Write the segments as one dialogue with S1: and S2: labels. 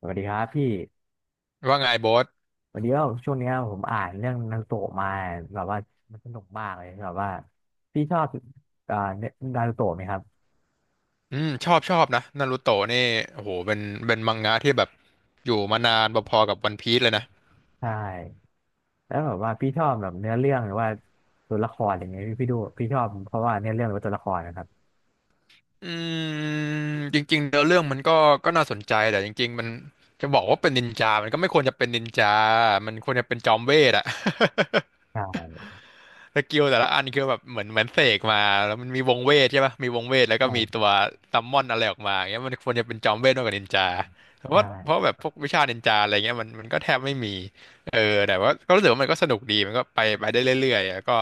S1: สวัสดีครับพี่
S2: ว่าไงโบส
S1: วันนี้ก็ช่วงเนี้ยผมอ่านเรื่องนารูโตะมาแบบว่ามันสนุกมากเลยแบบว่าพี่ชอบเนื้อนารูโตะไหมครับ
S2: อืมชอบชอบนะนารูโตะนี่โอ้โหเป็นมังงะที่แบบอยู่มานานพอๆกับวันพีซเลยนะ
S1: ใช่แล้วแบบว่าพี่ชอบแบบเนื้อเรื่องหรือว่าตัวละครอย่างเงี้ยพี่ดูพี่ชอบเพราะว่าเนื้อเรื่องหรือว่าตัวละครนะครับ
S2: อืมจริงๆเนื้อเรื่องมันก็น่าสนใจแต่จริงๆมันจะบอกว่าเป็นนินจามันก็ไม่ควรจะเป็นนินจา มันควรจะเป็นจอมเวทอะ
S1: ใช่
S2: สกิลแต่ละอันคือแบบเหมือนเสกมาแล้วมันมีวงเวทใช่ปะมีวงเวทแล้วก็มีตั
S1: ใช่
S2: วซัมมอนอะไรออกมาอย่างเงี้ยมันควรจะเป็นจอมเวทมากกว่านินจาเพราะ
S1: ใช่
S2: ว่าเพราะแบบพวกวิชานินจาอะไรเงี้ยมันก็แทบไม่มีเออแต่ว่าก็รู้สึกว่ามันก็สนุกดีมันก็ไปได้เรื่อยๆแล้วก็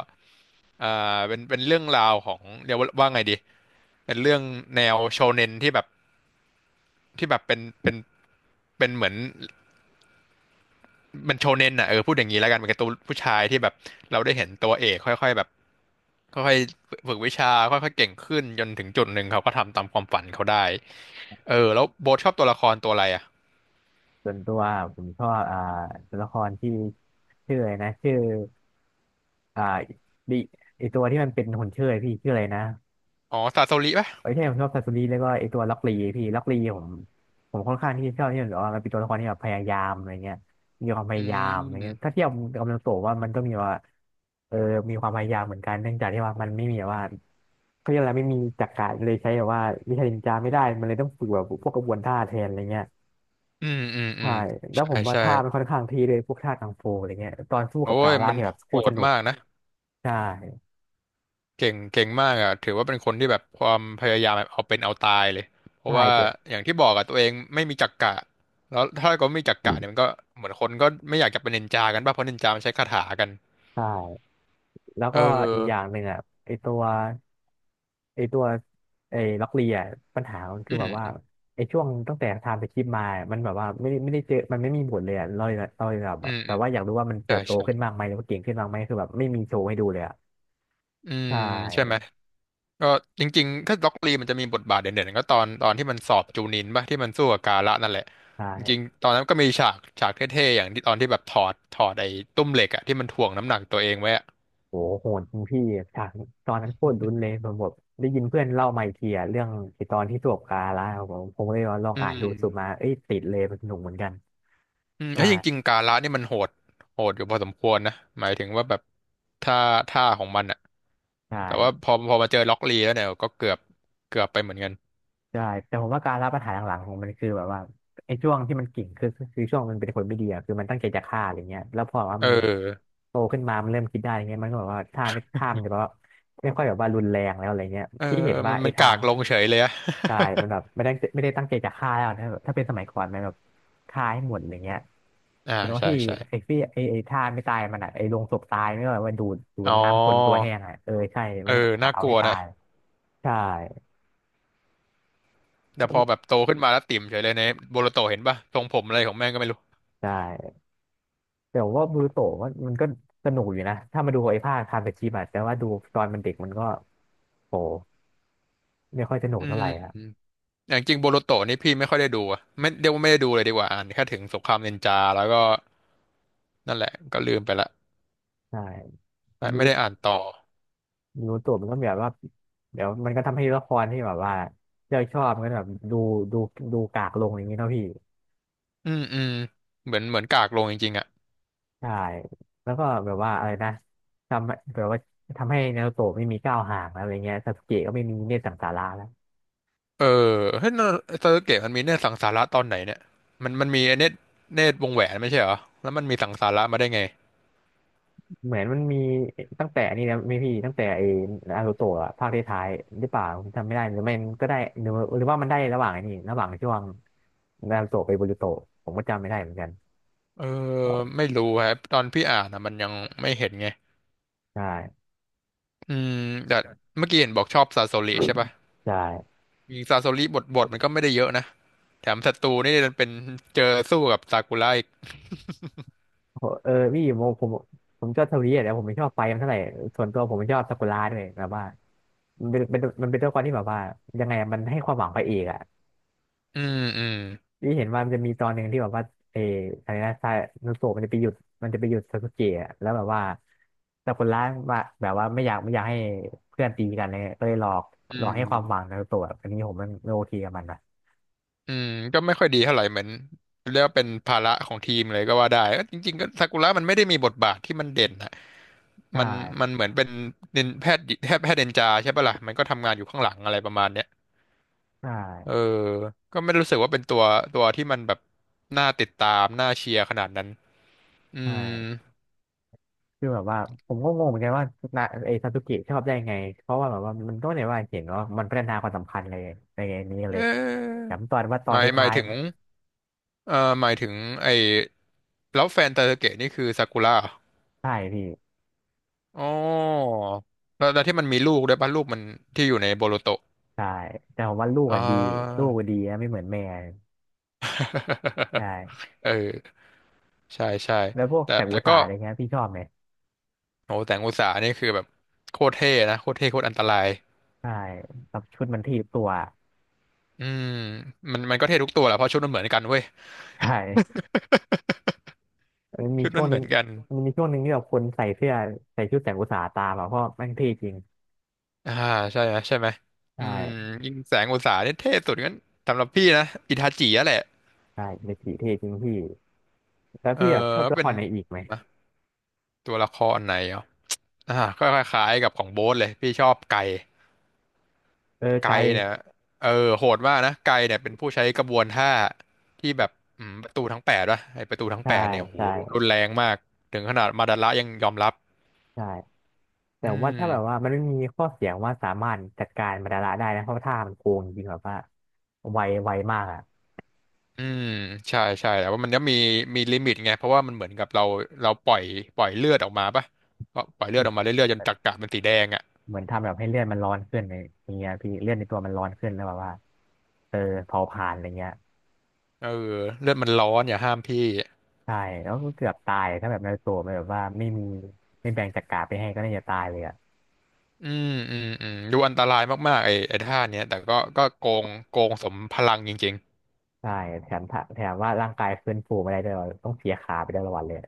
S2: อ่เป็นเรื่องราวของเรียกว่าว่าไงดีเป็นเรื่องแนวโชเน็นที่แบบเป็นเหมือน มันโชเน็นอ่ะเออพูดอย่างนี้แล้วกันเป็นการ์ตูนผู้ชายที่แบบเราได้เห็นตัวเอกค่อยๆแบบค่อยๆฝึกวิชาค่อยๆเก่งขึ้นจนถึงจุดหนึ่งเขาก็ทำตามความฝันเขาได้เออแล้วโบ๊ทชอบตัวละครตัวอะไรอ่ะ
S1: ส่วนตัวผมชอบตัวละครที่ชื่ออะไรนะชื่ออ่าดิไอตัวที่มันเป็นหุ่นเชิดพี่ชื่ออะไรนะ
S2: อ๋อซาโซริป่ะ
S1: ไอ้ที่ผมชอบซาซูริแล้วก็ไอ้ตัวล็อกลีพี่ล็อกลีผมค่อนข้างที่จะชอบที่มันแบบว่ามันเป็นตัวละครที่แบบพยายามอะไรเงี้ยมีความพ
S2: อื
S1: ยายามอะไรเงี้ยถ้า
S2: ม
S1: เทียบกับกำลังโตะว่ามันก็มีว่าเออมีความพยายามเหมือนกันเนื่องจากที่ว่ามันไม่มีแบบว่าเขาเรียกอะไรไม่มีจักระเลยใช้แบบว่าวิชานินจาไม่ได้มันเลยต้องฝึกแบบพวกกระบวนท่าแทนอะไรเงี้ย
S2: อืมอืมอื
S1: ใช่
S2: ม
S1: แล้วผ
S2: ใช่
S1: มว่า
S2: ใช่
S1: ท่ามันค่อนข้างที่เลยพวกท่ากังฟูอะไรเงี้ยตอนสู้
S2: โอ้
S1: กับกา
S2: ย
S1: ล่า
S2: มัน
S1: เนี่ยแบบโค
S2: โห
S1: ตรส
S2: ด
S1: นุก
S2: มากนะ
S1: ใช่
S2: เก่งเก่งมากอ่ะถือว่าเป็นคนที่แบบความพยายามแบบเอาเป็นเอาตายเลยเพ
S1: ใช่
S2: ราะว่า
S1: เจ๊
S2: อย่างที่บอกอ่ะตัวเองไม่มีจักกะแล้วถ้าก็ไม่มีจัก
S1: อื
S2: กะเนี่ย
S1: ม
S2: มันก็เหมือนคนก็ไม่อยากจะเป็นนินจากันป่ะเพราะนินจามันใช้คาถากัน
S1: ใช่ แล้ว
S2: เออ
S1: ก็อีกอย่างหนึ่งอ่ะไอตัวไอตัวไอล็อกเลียปัญหามันคื
S2: อื
S1: อแบ
S2: ม
S1: บว่า
S2: อืม
S1: ไอช่วงตั้งแต่ทำไปคลิปมามันแบบว่าไม่ได้เจอมันไม่มีผลเลยอะเราเลยแบบ
S2: อืม
S1: ว่าอยากรู้ว่ามันเติ
S2: ใช่
S1: บโต
S2: ใช่
S1: ขึ้นมากไหมหรือว่าเก่งขึ้นมากไหมคือแบบไม่มีโชว์ให้ดูเลยอ่ะ
S2: อื
S1: ใช
S2: มใช่ไหม
S1: ่
S2: ก็จริงๆถ้าล็อกลีมันจะมีบทบาทเด่นๆก็ตอนที่มันสอบจูนินป่ะที่มันสู้กับกาละนั่นแหละ
S1: ใช
S2: จริง
S1: ่
S2: ๆตอนนั้นก็มีฉากเท่ๆอย่างที่ตอนที่แบบถอดไอ้ตุ้มเหล็กอ่ะที่มันถ่วงน้ำหนักตัวเองไว้อ่ะ
S1: โหโหดจริงพี่ฉากตอนนั้นโคตรลุ้นเลยผมแบบได้ยินเพื่อนเล่ามาอีกทีอะเรื่องไอตอนที่สวบกาละผมเลยว่าลอง
S2: อื
S1: อ่านดูสุดมา
S2: ม
S1: เอ้ยติดเลยมันสนุกเหมือนกัน
S2: อืม
S1: ใช่
S2: ไอ้ยจริงๆกาละนี่มันโหดโหดอยู่พอสมควรนะหมายถึงว่าแบบท่าท่าของมันอะ
S1: ใช่
S2: แต่ว่าพอมาเจอล็อกลีแล้วเนี่ยก็เกือบเกือบไปเหมือนกัน
S1: ใช่แต่ผมว่าการรับปัญหาหลังๆของมันคือแบบว่าไอ้ช่วงที่มันกิ่งคือช่วงมันเป็นคนไม่ดีอะคือมันตั้งใจจะฆ่าอะไรเงี้ยแล้วพอว่า
S2: เอ
S1: มัน
S2: อ
S1: โตขึ้นมามันเริ่มคิดได้อย่างเงี้ยมันก็แบบว่าท่าไม่ท่ามันจะแบบว่าไม่ค่อยแบบว่ารุนแรงแล้วอะไรเงี้ย
S2: เออ
S1: พี่เห็น
S2: มั
S1: ว่า
S2: น
S1: ไอ้
S2: มัน
S1: ทา
S2: กา
S1: ง
S2: กลงเฉยเลยอะ
S1: ใช่มันแบบไม่ได้ตั้งใจจะฆ่าแล้วนะแบบถ้าเป็นสมัยก่อนมันแบบฆ่าให้หมดอย่างเงี้ย
S2: อ่า
S1: เห็นว่า
S2: ใช่
S1: พี่
S2: ใช่
S1: ไอ้ท่าไม่ตายมันอะไอ้ลงศพตายไม่ว่าว่าดูด
S2: อ๋อ
S1: น้ำคนตัวแห้งอะเออใช่
S2: เอ
S1: มั
S2: อ
S1: นต้องกะ
S2: น่า
S1: เอา
S2: กลั
S1: ให้
S2: ว
S1: ตา
S2: นะ
S1: ยใช่
S2: แต่พอแบบโตขึ้นมาแล้วติ่มเฉยเลยในโบโลโตเห็นป่ะทรงผมอะไรของแม่งก็ไม่รู้
S1: ใช่ แต่ว่าบูโตะว่ามันก็สนุกอยู่นะถ้ามาดูไอ้ภาคคาเฟชิบะแต่ว่าดูตอนมันเด็กมันก็โหไม่ค่อยสนุก
S2: อื
S1: เท่าไหร่ครับ
S2: มอย่างจริงโบโลโตนี่พี่ไม่ค่อยได้ดูอะไม่เดียวาไม่ได้ดูเลยดีกว่าอ่านแค่ถึงสงครามนินจาแล้วก็นั่นแหละก็ลืมไปละ
S1: ใช่
S2: แต่
S1: บู
S2: ไม่ได้อ่านต่อ
S1: บูโตะมันก็แบบว่าเดี๋ยวมันก็ทำให้ละครที่แบบว่าเราชอบมันก็แบบดูดูกากลงอย่างนี้เนาะพี่
S2: อืมอืมเหมือนกากลงจริงๆอ่ะ
S1: ใช่แล้วก็แบบว่าอะไรนะทำแบบว่าทำให้นารูโตะไม่มีก้าวห่างแล้วอะไรเงี้ยซาสึเกะก็ไม่มีเนตรสังสาระแล้ว
S2: เออเฮ้ยสเซอร์เกตมันมีเนตรสังสาระตอนไหนเนี่ยมันมีเนตรวงแหวนไม่ใช่เหรอแล้วมันมีสังสาระมาได้ไง
S1: เหมือนมันมีตั้งแต่นี่นะไม่พี่ตั้งแต่ไอ้นารูโตะอะภาคท้ายๆหรือเปล่าผมจำไม่ได้หรือไม่ก็ได้หรือหรือว่ามันได้ระหว่างไอ้นี่ระหว่างช่วงนารูโตะไปบูรูโตะผมก็จำไม่ได้เหมือนกัน
S2: เออ
S1: เอา
S2: ไม่รู้ครับตอนพี่อ่านอ่ะมันยังไม่เห็นไง
S1: ใช่
S2: อืมแต่เมื่อกี้เห็นบอกชอบซาโซริใช่ปะ
S1: ใช่
S2: จริงๆซาโซริบทมันก็ไม่ได้เยอะนะแถมศัตรูนี่มันเป็นเจอสู้กับซากุระอีก
S1: โหเออพี่ผมชอบเทอรีอแต่ผมไม่ชอบไฟมันเท่าไหร่ส่วนตัวผมไม่ชอบซากุระด้วยแบบว่ามันเป็นมันเป็นตัวละครที่แบบว่ายังไงอะมันให้ความหวังพระเอกอะ
S2: อืมอืม
S1: พี่เห็นว่ามันจะมีตอนหนึ่งที่แบบว่าเอออะไรนะซานุโสะมันจะไปหยุดมันจะไปหยุดซาสึเกะอะแล้วแบบว่าแต่คนร้ายว่าแบบว่าไม่อยากให้เพื่อนตีกันเลยก็เลยหลอก
S2: อื
S1: หลอกให้ความหวัง
S2: ม
S1: นารุโตะแบบอันนี้ผมมันไม่โอเคกับมันนะ
S2: อืมก็ไม่ค่อยดีเท่าไหร่เหมือนเรียกว่าเป็นภาระของทีมเลยก็ว่าได้เอ้ยจริงๆก็ซากุระมันไม่ได้มีบทบาทที่มันเด่นนะ
S1: ใช่
S2: มันมันเหมือนเป็นนินแพทย์เดนจาใช่ปะล่ะมันก็ทำงานอยู่ข้างหลังอะไรประมาณเนี้ย
S1: ใช่
S2: เออก็ไม่รู้สึกว่าเป็นตัวที่มันแบบน่าติดตามน่าเชียร์ขนาดนั้นอืม
S1: ใช่คือแบบว่าผมก็งงเหมือนกันว่านาไอซาสึเกะชอบได้ไงเพราะว่าแบบว่ามันก็ไม่ได้ว่าเห็นว่ามันพัฒนาความสัมพันธ์เลยในนี้
S2: เ
S1: เลย
S2: ออ
S1: แต่ตอนว่าตอ
S2: ห
S1: น
S2: มายหมา
S1: ท้า
S2: ย
S1: ย
S2: ถึงเอ่อหมายถึงไอ้แล้วแฟนตาเกะนี่คือซากุระเหรอ
S1: ๆใช่พี่
S2: อ๋อแล้วที่มันมีลูกด้วยป่ะลูกมันที่อยู่ในโบโลโต
S1: ใช่แต่ผมว่าลูก
S2: อ่
S1: อะดีลู
S2: า
S1: กอะดีนะไม่เหมือนแม่ ใช่
S2: เออใช่ใช่
S1: แล้วพวก
S2: แต่
S1: แสง
S2: แต่
S1: อุตสา
S2: ก็
S1: หะอะไรเงี้ยพี่ชอบไหม
S2: โหแต่งอุตสาหนี่คือแบบโคตรเท่นะโคตรเท่โคตรอันตราย
S1: ใช่แบบชุดมันทีบตัว
S2: อืมมันมันก็เท่ทุกตัวแหละเพราะชุดมันเหมือนกันเว้ย
S1: ใช่ มันมี
S2: ชุด
S1: ช่
S2: มั
S1: วง
S2: น
S1: ห
S2: เห
S1: นึ่
S2: มื
S1: ง
S2: อนกัน
S1: มันมีช่วงหนึ่งที่แบบคนใส่เสื้อใส่ชุดแสงอุตสาหะตามอ่ะเพราะแม่งเท่จริง
S2: อ่าใช่ไหมใช่ไหม
S1: ใช
S2: อืม
S1: ่
S2: ยิงแสงอุตสาหนี่เท่สุดงั้นสำหรับพี่นะอิทาจิอะแหละ
S1: ใช่เมจิเท่จริงพี่แล้ว
S2: เออ
S1: พี่แบบชอบละค
S2: เป็น
S1: รไหนอีกไหม
S2: อ่ะตัวละครไหนเหรออ่าก็คล้ายๆกับของโบ๊ทเลยพี่ชอบไก่
S1: เออไก
S2: ไก
S1: ล
S2: เนี่ยเออโหดมากนะไกเนี่ยเป็นผู้ใช้กระบวนท่าที่แบบประตูทั้งแปดวะไอประตูทั้ง
S1: ใช่
S2: แปดเนี่ยโห
S1: ใช่
S2: รุนแรงมากถึงขนาดมาดาระยังยอมรับ
S1: ใช่
S2: อื
S1: แต่ว่า
S2: ม
S1: ถ้าแบบว่ามันไม่มีข้อเสียว่าสามารถจัดการมาดาระได้นะเพราะว่าท่ามันโกงจริงแบบว่าไวไวมากอ่ะ
S2: อืมใช่ใช่แต่ว่ามันก็มีลิมิตไงเพราะว่ามันเหมือนกับเราปล่อยเลือดออกมาปะก็ปล่อยเลือดออกมาเรื่อยๆจนจักระมันสีแดงอ่ะ
S1: เหมือนทำแบบให้เลือดมันร้อนขึ้นในอย่างเงี้ยพี่เลือดในตัวมันร้อนขึ้นแล้วแบบว่าเออเผาผลาญอะไรเงี้ย
S2: เออเลือดมันร้อนอย่าห้ามพี่
S1: ใช่แล้วก็เกือบตายถ้าแบบในารูโตัวมันแบบว่าไม่มีไม่แบ่งจักราไปให้ก็น่าจะตายเลยอ่ะ
S2: อืมอืมอืมดูอันตรายมากๆไอ้ท่าเนี้ยแต่ก็โกงสมพลังจริงๆ
S1: ใช่แถมถ้าแถมว่าร่างกายฟื้นฟูไม่ได้ด้วยต้องเสียขาไปด้วยละวันเลย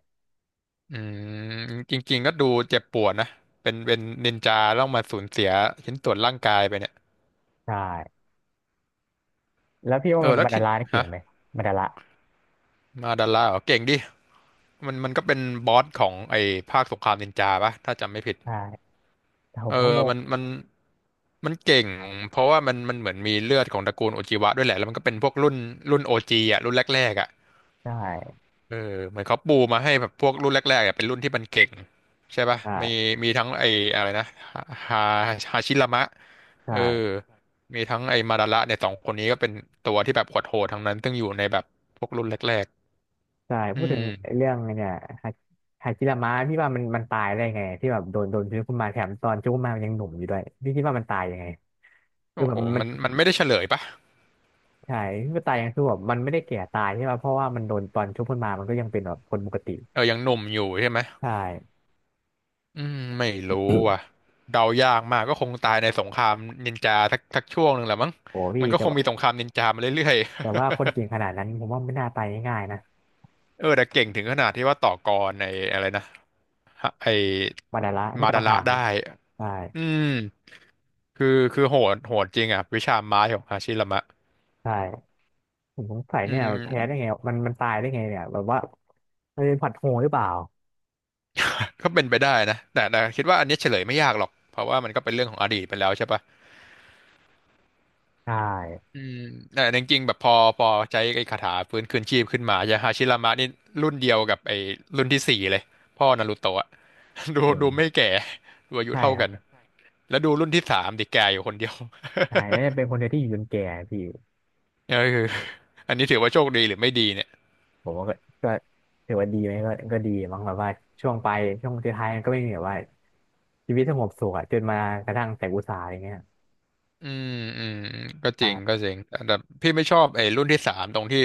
S2: อืมจริงๆก็ดูเจ็บปวดนะเป็นนินจาต้องมาสูญเสียชิ้นส่วนร่างกายไปเนี่ย
S1: ใช่แล้วพี่ว่า
S2: เออ
S1: มัน
S2: แล้ว
S1: บันดา
S2: ที่
S1: ลานี่เก่ง
S2: ฮะ
S1: ไหมบรดาละ
S2: มาดาร่าเหรอเก่งดิมันก็เป็นบอสของไอ้ภาคสงครามนินจาปะถ้าจำไม่ผิด
S1: ใช่แต่ผ
S2: เอ
S1: ม
S2: อ
S1: ก็งง
S2: มันมันเก่งเพราะว่ามันเหมือนมีเลือดของตระกูลโอจิวะด้วยแหละแล้วมันก็เป็นพวกรุ่นโอจีอ่ะรุ่นแรกๆอ่ะ
S1: ใช่
S2: เออเหมือนเขาปูมาให้แบบพวกรุ่นแรกๆอ่ะเป็นรุ่นที่มันเก่งใช่ปะ
S1: ใช่
S2: มีทั้งไอ้อะไรนะฮาฮาชิรามะ
S1: ใช่
S2: เออมีทั้งไอ้มาดาระเนี่ยสองคนนี้ก็เป็นตัวที่แบบโหดๆทั้งนั้นซึ่งอยู่ในแบบพวกรุ่นแรก
S1: ใช่
S2: ๆอื
S1: พูดถึ
S2: ม
S1: งเรื่องเนี่ยฮาฮาจิระมะพี่ว่ามันตายได้ไงที่แบบโดนชื้อขึ้นมาแถมตอนชื้อขึ้นมามันยังหนุ่มอยู่ด้วยพี่คิดว่ามันตายยังไงคือ
S2: โอ้
S1: แบ
S2: โห
S1: บมัน
S2: มันไม่ได้เฉลยปะ
S1: ใช่ที่มันตายยังคือแบบมันไม่ได้แก่ตายใช่ป่ะเพราะว่ามันโดนตอนชุบขึ้นมามันก็ยังเป็นแบบคนปกติ
S2: เออยังหนุ่มอยู่ใช่ไหม
S1: ใช่
S2: อืมไม่รู้ว่ะเดายากมากก็คงตายในสงครามนินจาสักช่วงหนึ่งแหละมั้ง
S1: โอ้พี่
S2: มันก็
S1: แต่
S2: คง
S1: ว่า
S2: มีสงครามนินจามาเรื่อย
S1: คนเก่งขนาดนั้นผมว่าไม่น่าตายง่ายๆนะ
S2: ๆเออแต่เก่งถึงขนาดที่ว่าต่อกรในอะไรนะฮะไอ
S1: มาดาระถ้า
S2: มา
S1: เกา
S2: ดาระ
S1: หาง
S2: ได้
S1: ใช่
S2: อืมคือโหดจริงอ่ะวิชาไม้ของฮาชิรามะ
S1: ใช่ผมสงสัย
S2: อื
S1: เนี่ยแพ้ได้ไง
S2: ม
S1: มันตายได้ไงเนี่ยแบบว่ามันเป็นผัดโหงหรือเปล่า
S2: ก็เป็นไปได้นะแต่คิดว่าอันนี้เฉลยไม่ยากหรอกเพราะว่ามันก็เป็นเรื่องของอดีตไปแล้วใช่ปะ
S1: ใช่
S2: อืมแต่จริงๆแบบพอใช้ไอ้คาถาฟื้นคืนชีพขึ้นมายาฮาชิรามะนี่รุ่นเดียวกับไอ้รุ่นที่สี่เลยพ่อนารูโตะอะ
S1: เห็น
S2: ดูไม่แก่ดูอายุ
S1: ใช่
S2: เท่า
S1: ครั
S2: กัน
S1: บ
S2: แล้วดูรุ่นที่สามดิแก่อยู่คนเดียว
S1: ใช่แล้วจะเป็นคนเดียวที่อยู่จนแก่พี่
S2: เออคืออันนี้ถือว่าโชคดีหรือไม่ดีเนี่ย
S1: ผมว่าก็ถือว่าดีไหมก็ดีมั้งแบบว่าช่วงไปช่วงสุดท้ายมันก็ไม่มีแบบว่าชีวิตสงบสุขอะจนมากระทั่งแต่อุตสาหะอย่างเงี้ย
S2: อืมอืมก็จริงก็
S1: ใช่
S2: จริงแต่พี่ไม่ชอบไอ้รุ่นที่สามตรงที่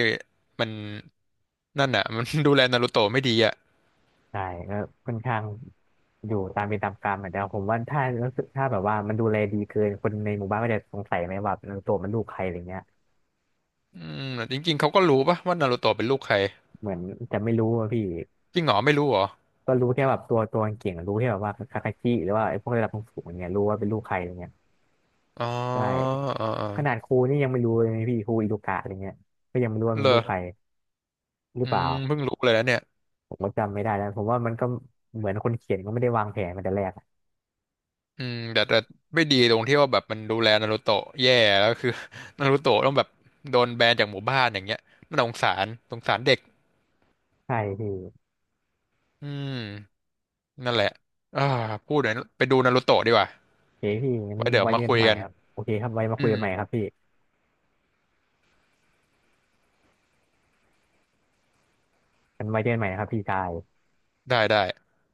S2: มันนั่นน่ะมัน ดูแลนารูโตะไม่ดีอ่ะ
S1: ใช่ก็ค่อนข้างอยู่ตามเป็นตามกรรมอะแต่ผมว่าถ้ารู้สึกถ้าแบบว่ามันดูแลดีเกินคนในหมู่บ้านก็จะสงสัยไหมว่าเออตัวมันลูกใครอะไรเงี้ย
S2: อืมแต่จริงๆ เขาก็รู้ปะว่านารูโตะเป็นลูกใคร
S1: เหมือนจะไม่รู้อะพี่
S2: จริงเหรอไม่รู้เหรอ
S1: ก็รู้แค่แบบตัวเก่งอะรู้แค่แบบว่าคาคาชิหรือว่าไอ้พวกระดับสูงๆอย่างเงี้ยรู้ว่าเป็นลูกใครอะไรเงี้ย
S2: อ๋อ
S1: ใช่
S2: อ๋ออ๋อ
S1: ขนาดครูนี่ยังไม่รู้เลยนะพี่ครูอิโดกะอะไรเงี้ยก็ยังไม่รู้ว่า
S2: เห
S1: มั
S2: ร
S1: น
S2: อ
S1: ลูกใครหรือ
S2: อื
S1: เปล่า
S2: มเพิ่งรู้เลยนะเนี่ย
S1: ผมก็จำไม่ได้แล้วผมว่ามันก็เหมือนคนเขียนก็ไม่ได้วางแผนมาแต่แรกอะ
S2: อืมแต่ไม่ดีตรงที่ว่าแบบมันดูแลนารูโตะแย่แล้วคือ นารูโตะต้องแบบโดนแบนจากหมู่บ้านอย่างเงี้ยมันสงสารเด็ก
S1: ใช่พี่
S2: อืมนั่นแหละอ่าพูดเดี๋ยวไปดูนารูโตะดีกว่า
S1: โอเคพี่งั้น
S2: ไว้เดี๋ยว
S1: ไว้เจ
S2: มา
S1: อกั
S2: คุ
S1: น
S2: ย
S1: ใหม่
S2: กัน
S1: ครับโอเคครับไว้มาคุ
S2: อื
S1: ยกัน
S2: ม
S1: ใหม่ครับพี่งั้นไว้เจอกันใหม่นะครับพี่ชาย
S2: ได้ได้